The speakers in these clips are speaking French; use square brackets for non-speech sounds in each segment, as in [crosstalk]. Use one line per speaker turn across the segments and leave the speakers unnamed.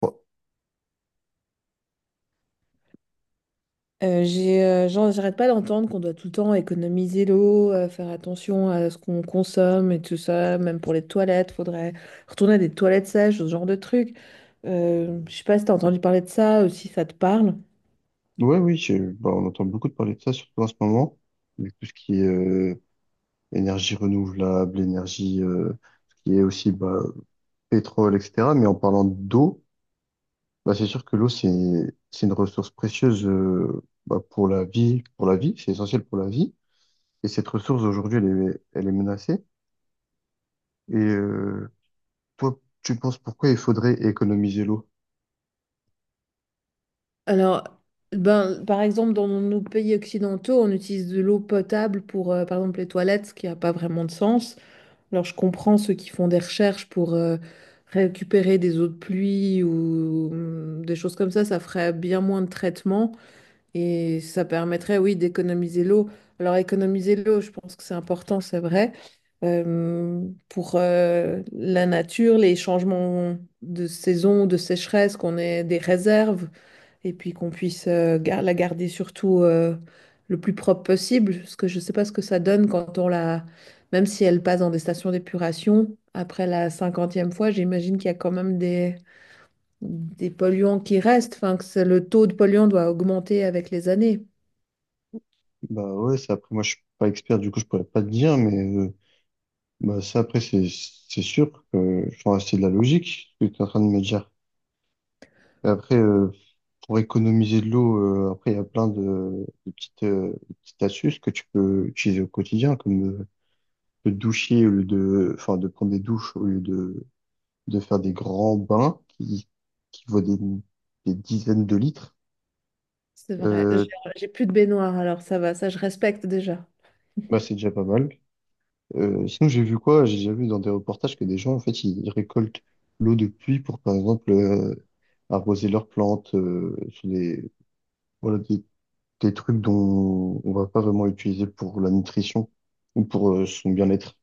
Bon,
J'arrête pas d'entendre qu'on doit tout le temps économiser l'eau, faire attention à ce qu'on consomme et tout ça, même pour les toilettes, faudrait retourner à des toilettes sèches, ce genre de truc. Je sais pas si t'as entendu parler de ça ou si ça te parle.
ouais, oui, on entend beaucoup de parler de ça, surtout en ce moment, avec tout ce qui est énergie renouvelable, ce qui est aussi pétrole, etc. Mais en parlant d'eau, bah, c'est sûr que c'est une ressource précieuse bah, pour la vie, c'est essentiel pour la vie. Et cette ressource, aujourd'hui, elle est menacée. Et euh, Toi, tu penses pourquoi il faudrait économiser l'eau?
Alors, ben, par exemple, dans nos pays occidentaux, on utilise de l'eau potable pour, par exemple, les toilettes, ce qui n'a pas vraiment de sens. Alors, je comprends ceux qui font des recherches pour récupérer des eaux de pluie ou des choses comme ça ferait bien moins de traitement. Et ça permettrait, oui, d'économiser l'eau. Alors, économiser l'eau, je pense que c'est important, c'est vrai. Pour la nature, les changements de saison, de sécheresse, qu'on ait des réserves et puis qu'on puisse la garder surtout le plus propre possible. Parce que je ne sais pas ce que ça donne quand on la... Même si elle passe dans des stations d'épuration, après la cinquantième fois, j'imagine qu'il y a quand même des polluants qui restent. Enfin, le taux de polluants doit augmenter avec les années.
Bah ouais, c'est après, moi, je suis pas expert, du coup, je pourrais pas te dire, mais... bah, c'est sûr que enfin, c'est de la logique ce que tu es en train de me dire. Et après, pour économiser de l'eau, après, il y a plein de petites astuces que tu peux utiliser au quotidien, comme de doucher au lieu de, enfin, de prendre des douches au lieu de faire des grands qui vaut des dizaines de litres.
C'est vrai. J'ai
Euh,
j'ai plus de baignoire, alors ça va, ça je respecte déjà.
Bah, c'est déjà pas mal. Sinon, j'ai vu quoi? J'ai déjà vu dans des reportages que des gens, en fait, ils récoltent l'eau de pluie pour, par exemple, arroser leurs plantes, sur voilà, des trucs dont on va pas vraiment utiliser pour la nutrition ou pour son bien-être.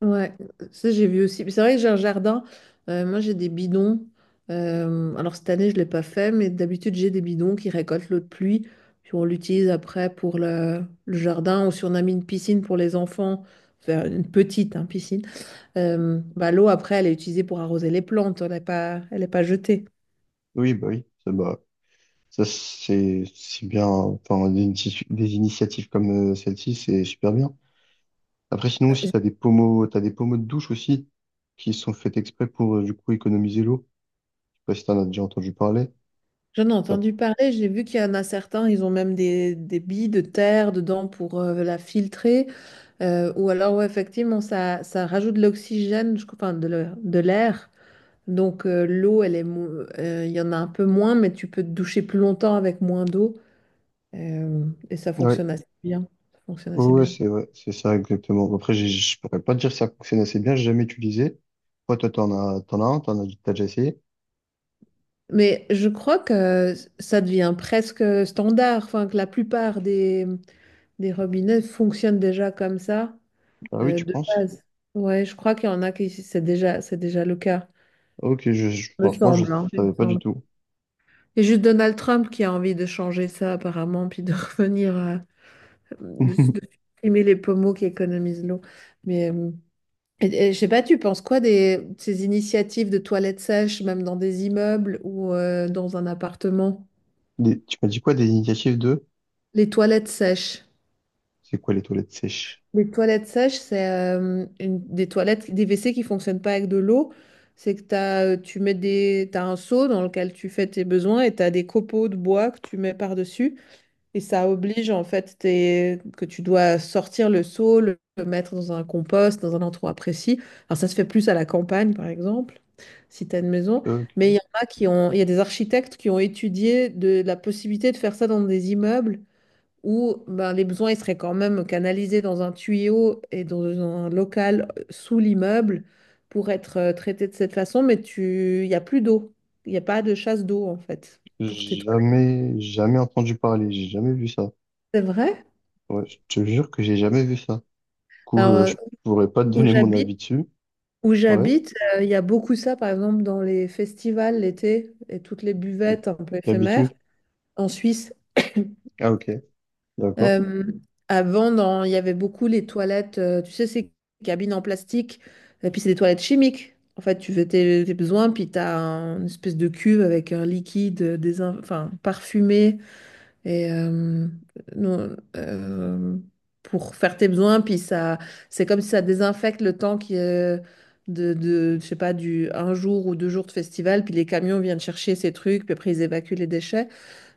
Ouais, ça j'ai vu aussi. Puis c'est vrai que j'ai un jardin. Moi j'ai des bidons. Alors cette année je l'ai pas fait, mais d'habitude j'ai des bidons qui récoltent l'eau de pluie. Puis on l'utilise après pour le jardin ou si on a mis une piscine pour les enfants, enfin une petite hein, piscine. L'eau après elle est utilisée pour arroser les plantes. Elle est pas jetée.
Oui, bah oui, ça, bah, ça c'est bien. Enfin, des initiatives comme celle-ci, c'est super bien. Après, sinon aussi, t'as des pommeaux de douche aussi qui sont faits exprès pour, du coup, économiser l'eau. Je sais pas si t'en as déjà entendu parler.
J'en ai
T'as-
entendu parler, j'ai vu qu'il y en a certains, ils ont même des billes de terre dedans pour la filtrer. Ouais, effectivement, ça rajoute de l'oxygène, je crois, enfin, de l'air. Donc, l'eau, elle est, mo- il y en a un peu moins, mais tu peux te doucher plus longtemps avec moins d'eau. euh, et ça
ouais,
fonctionne assez bien. Ça fonctionne
ouais,
assez
ouais,
bien.
c'est ça exactement. Après, j'ai- je pourrais pas te dire que ça fonctionne assez bien, j'ai jamais utilisé. Toi, t'as déjà essayé?
Mais je crois que ça devient presque standard, enfin, que la plupart des robinets fonctionnent déjà comme ça.
Ah oui,
euh,
tu
de
penses?
base. Ouais, je crois qu'il y en a qui c'est déjà le cas,
Ok,
me
franchement, je
semble, hein, il me
savais pas du
semble.
tout.
Et juste Donald Trump qui a envie de changer ça apparemment, puis de [laughs] revenir à de
[laughs]
supprimer les pommeaux qui économisent l'eau. Mais je sais pas, tu penses quoi des de ces initiatives de toilettes sèches, même dans des immeubles ou dans un appartement?
Des- tu m'as dit quoi des initiatives de?
Les toilettes sèches.
C'est quoi les toilettes sèches?
Les toilettes sèches, c'est des toilettes, des WC qui fonctionnent pas avec de l'eau. C'est que t'as un seau dans lequel tu fais tes besoins et tu as des copeaux de bois que tu mets par-dessus. Et ça oblige en fait que tu dois sortir le seau, le mettre dans un compost, dans un endroit précis. Alors ça se fait plus à la campagne par exemple, si tu as une maison.
Euh,
Mais il y en a il y a des architectes qui ont étudié de la possibilité de faire ça dans des immeubles où ben, les besoins ils seraient quand même canalisés dans un tuyau et dans un local sous l'immeuble pour être traités de cette façon, mais tu... il n'y a plus d'eau. Il n'y a pas de chasse d'eau, en fait, pour tes toilettes.
jamais entendu parler, j'ai jamais vu ça.
C'est vrai?
Ouais, je te jure que j'ai jamais vu ça. Du coup,
Alors, euh,
je pourrais pas te
où
donner mon
j'habite,
avis dessus.
Où
Ouais,
j'habite, il y a beaucoup ça, par exemple, dans les festivals l'été et toutes les
mais
buvettes un peu
t'habites
éphémères
où?
en Suisse.
Ah ok, d'accord.
Euh, avant, il y avait beaucoup les toilettes, tu sais, ces cabines en plastique, et puis c'est des toilettes chimiques. En fait, tu fais tes besoins, puis tu as une espèce de cuve avec un liquide enfin, parfumé et, non, pour faire tes besoins, puis ça, c'est comme si ça désinfecte le temps qui est je sais pas, du un jour ou deux jours de festival, puis les camions viennent chercher ces trucs, puis après ils évacuent les déchets.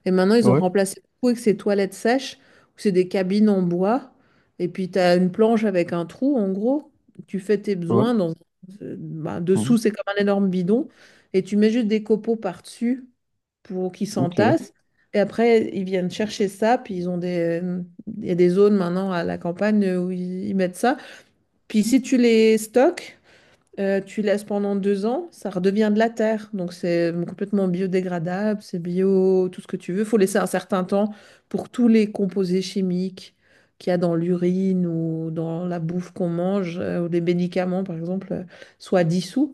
Et maintenant, ils ont
Ouais,
remplacé tout avec ces toilettes sèches, où c'est des cabines en bois. Et puis, tu as une planche avec un trou, en gros. Tu fais tes besoins
ouais.
dans...
Mhm.
dessous, c'est comme un énorme bidon. Et tu mets juste des copeaux par-dessus pour qu'ils
Ok,
s'entassent. Et après, ils viennent chercher ça. Puis, ils ont des... il y a des zones maintenant à la campagne où ils mettent ça. Puis, si tu les stocks, tu laisses pendant deux ans, ça redevient de la terre. Donc c'est complètement biodégradable, c'est bio, tout ce que tu veux. Il faut laisser un certain temps pour tous les composés chimiques qu'il y a dans l'urine ou dans la bouffe qu'on mange, ou des médicaments par exemple, soient dissous.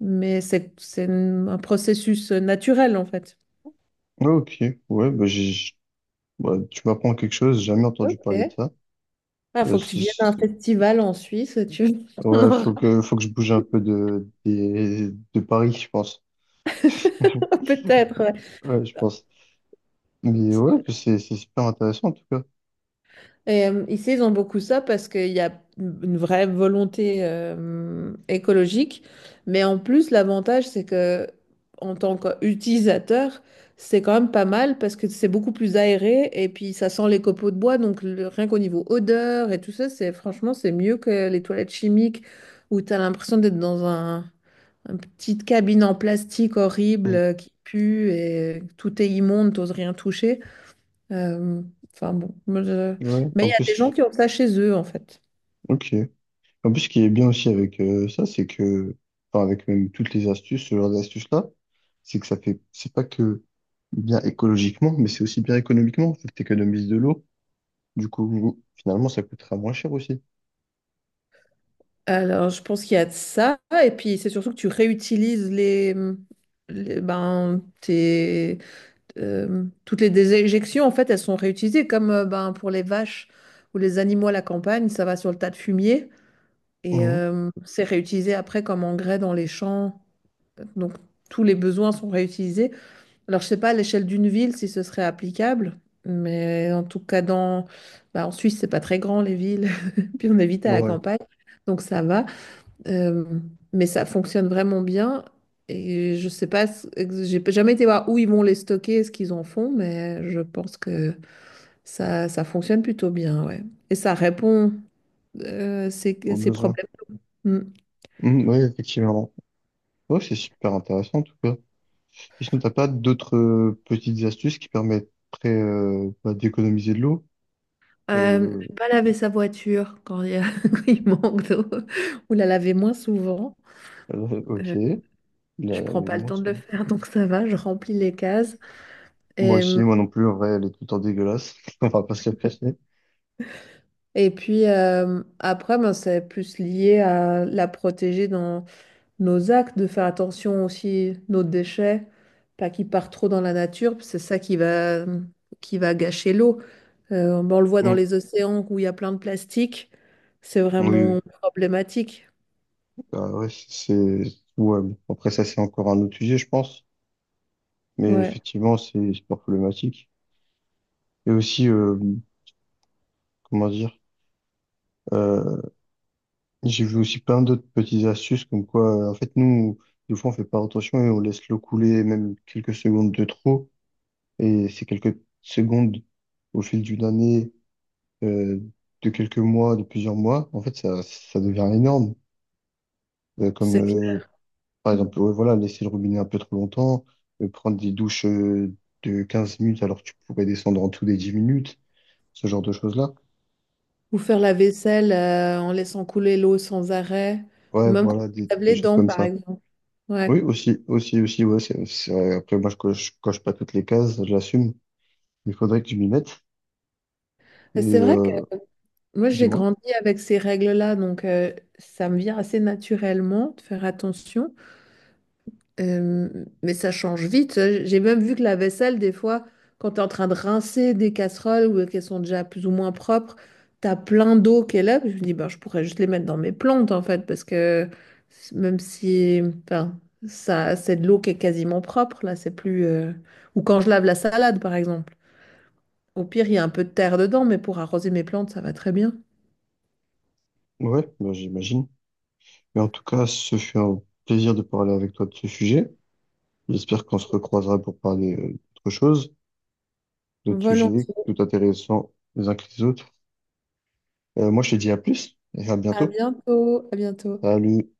Mais c'est un processus naturel en fait.
ok, ouais, bah, j'ai ouais, tu m'apprends quelque chose, j'ai jamais entendu parler
Il
de ça. Euh,
faut que tu
c'est-
viennes à un
c'est-
festival en Suisse, tu [laughs] on
ouais,
aura
faut que je bouge un peu de Paris, je pense.
peut-être. Ouais.
Ouais, je pense. Mais ouais, c'est super intéressant en tout cas.
Et, ici, ils ont beaucoup ça parce qu'il y a une vraie volonté écologique. Mais en plus, l'avantage, c'est que en tant qu'utilisateur, c'est quand même pas mal parce que c'est beaucoup plus aéré et puis ça sent les copeaux de bois. Donc, rien qu'au niveau odeur et tout ça, c'est franchement, c'est mieux que les toilettes chimiques où tu as l'impression d'être une petite cabine en plastique horrible
Mm.
qui pue et tout est immonde, t'oses rien toucher. Euh, enfin bon, moi, je-
Ouais,
mais il
en
y a des gens
plus,
qui ont ça chez eux en fait.
ok. En plus, ce qui est bien aussi avec ça, enfin, avec même toutes les astuces, ce genre d'astuces-là, c'est que ça fait, c'est pas que bien écologiquement, mais c'est aussi bien économiquement. Faut que t'économises de l'eau. Du coup, finalement, ça coûtera moins cher aussi.
Alors je pense qu'il y a de ça et puis c'est surtout que tu réutilises ben tes toutes les déjections en fait elles sont réutilisées comme ben pour les vaches ou les animaux à la campagne ça va sur le tas de fumier et
Mhm.
c'est réutilisé après comme engrais dans les champs donc tous les besoins sont réutilisés. Alors, je sais pas à l'échelle d'une ville si ce serait applicable, mais en tout cas, dans... bah, en Suisse, c'est pas très grand les villes, [laughs] puis on est vite à la
Ouais,
campagne, donc ça va. Euh, mais ça fonctionne vraiment bien. Et je sais pas, j'ai jamais été voir où ils vont les stocker, ce qu'ils en font, mais je pense que ça fonctionne plutôt bien, ouais. Et ça répond à à
au
ces
besoin.
problèmes. Mm.
Mhm, ouais, effectivement. Ouais, c'est super intéressant en tout cas. Et sinon, t'as pas d'autres petites astuces qui permettraient bah, d'économiser de l'eau?
Euh,
Euh,
Ne pas laver sa voiture quand [laughs] quand il manque d'eau, ou la laver moins souvent.
[laughs] ok. Là,
Je prends pas le
moi,
temps de
ça-
le faire, donc ça va, je remplis les cases.
moi
Et,
aussi, moi non plus, en vrai, elle est tout le temps dégueulasse. [laughs] On va pas se le cacher.
et puis après, ben, c'est plus lié à la protéger dans nos actes, de faire attention aussi nos déchets, pas qu'ils partent trop dans la nature, c'est ça qui va gâcher l'eau. Ben, on le voit dans
Mm.
les océans où il y a plein de plastique, c'est
Oui,
vraiment
oui.
problématique.
Bah, ouais, c'est... Ouais, bon. Après, ça, c'est encore un autre sujet, je pense. Mais
Ouais,
effectivement, c'est super problématique. Et aussi, comment dire? euh, J'ai vu aussi plein d'autres petites astuces comme quoi, en fait, nous, des fois, on fait pas attention et on laisse l'eau couler même quelques secondes de trop. Et ces quelques secondes, au fil d'une année, euh, de quelques mois, de plusieurs mois, en fait, ça devient énorme. Euh,
c'est
comme, euh,
clair.
Par
Mm.
exemple, ouais, voilà, laisser le robinet un peu trop longtemps, prendre des douches, de 15 minutes alors que tu pourrais descendre en tout des 10 minutes, ce genre de choses-là.
Ou faire la vaisselle en laissant couler l'eau sans arrêt, ou
Ouais,
même quand
voilà,
on lave
des
les
choses
dents,
comme
par
ça.
exemple. Ouais.
Oui, aussi, aussi, aussi, ouais, c'est vrai. Après, moi, coche pas toutes les cases, je l'assume. Il faudrait que je m'y mette.
Mais c'est
Mais
vrai que moi, j'ai
dis-moi.
grandi avec ces règles-là, donc ça me vient assez naturellement de faire attention. Euh, mais ça change vite, hein. J'ai même vu que la vaisselle, des fois, quand tu es en train de rincer des casseroles ou qu'elles sont déjà plus ou moins propres, tu as plein d'eau qui est là. Puis je me dis, ben, je pourrais juste les mettre dans mes plantes, en fait, parce que même si, enfin, ça, c'est de l'eau qui est quasiment propre, là, c'est plus... Ou quand je lave la salade, par exemple. Au pire, il y a un peu de terre dedans, mais pour arroser mes plantes, ça va très bien.
Ouais, bah, j'imagine. Mais en tout cas, ce fut un plaisir de parler avec toi de ce sujet. J'espère qu'on se recroisera pour parler d'autres choses, d'autres sujets tout
Volontiers.
intéressants les uns que les autres. Moi, je te dis à plus et à
À
bientôt.
bientôt. À bientôt.
Salut.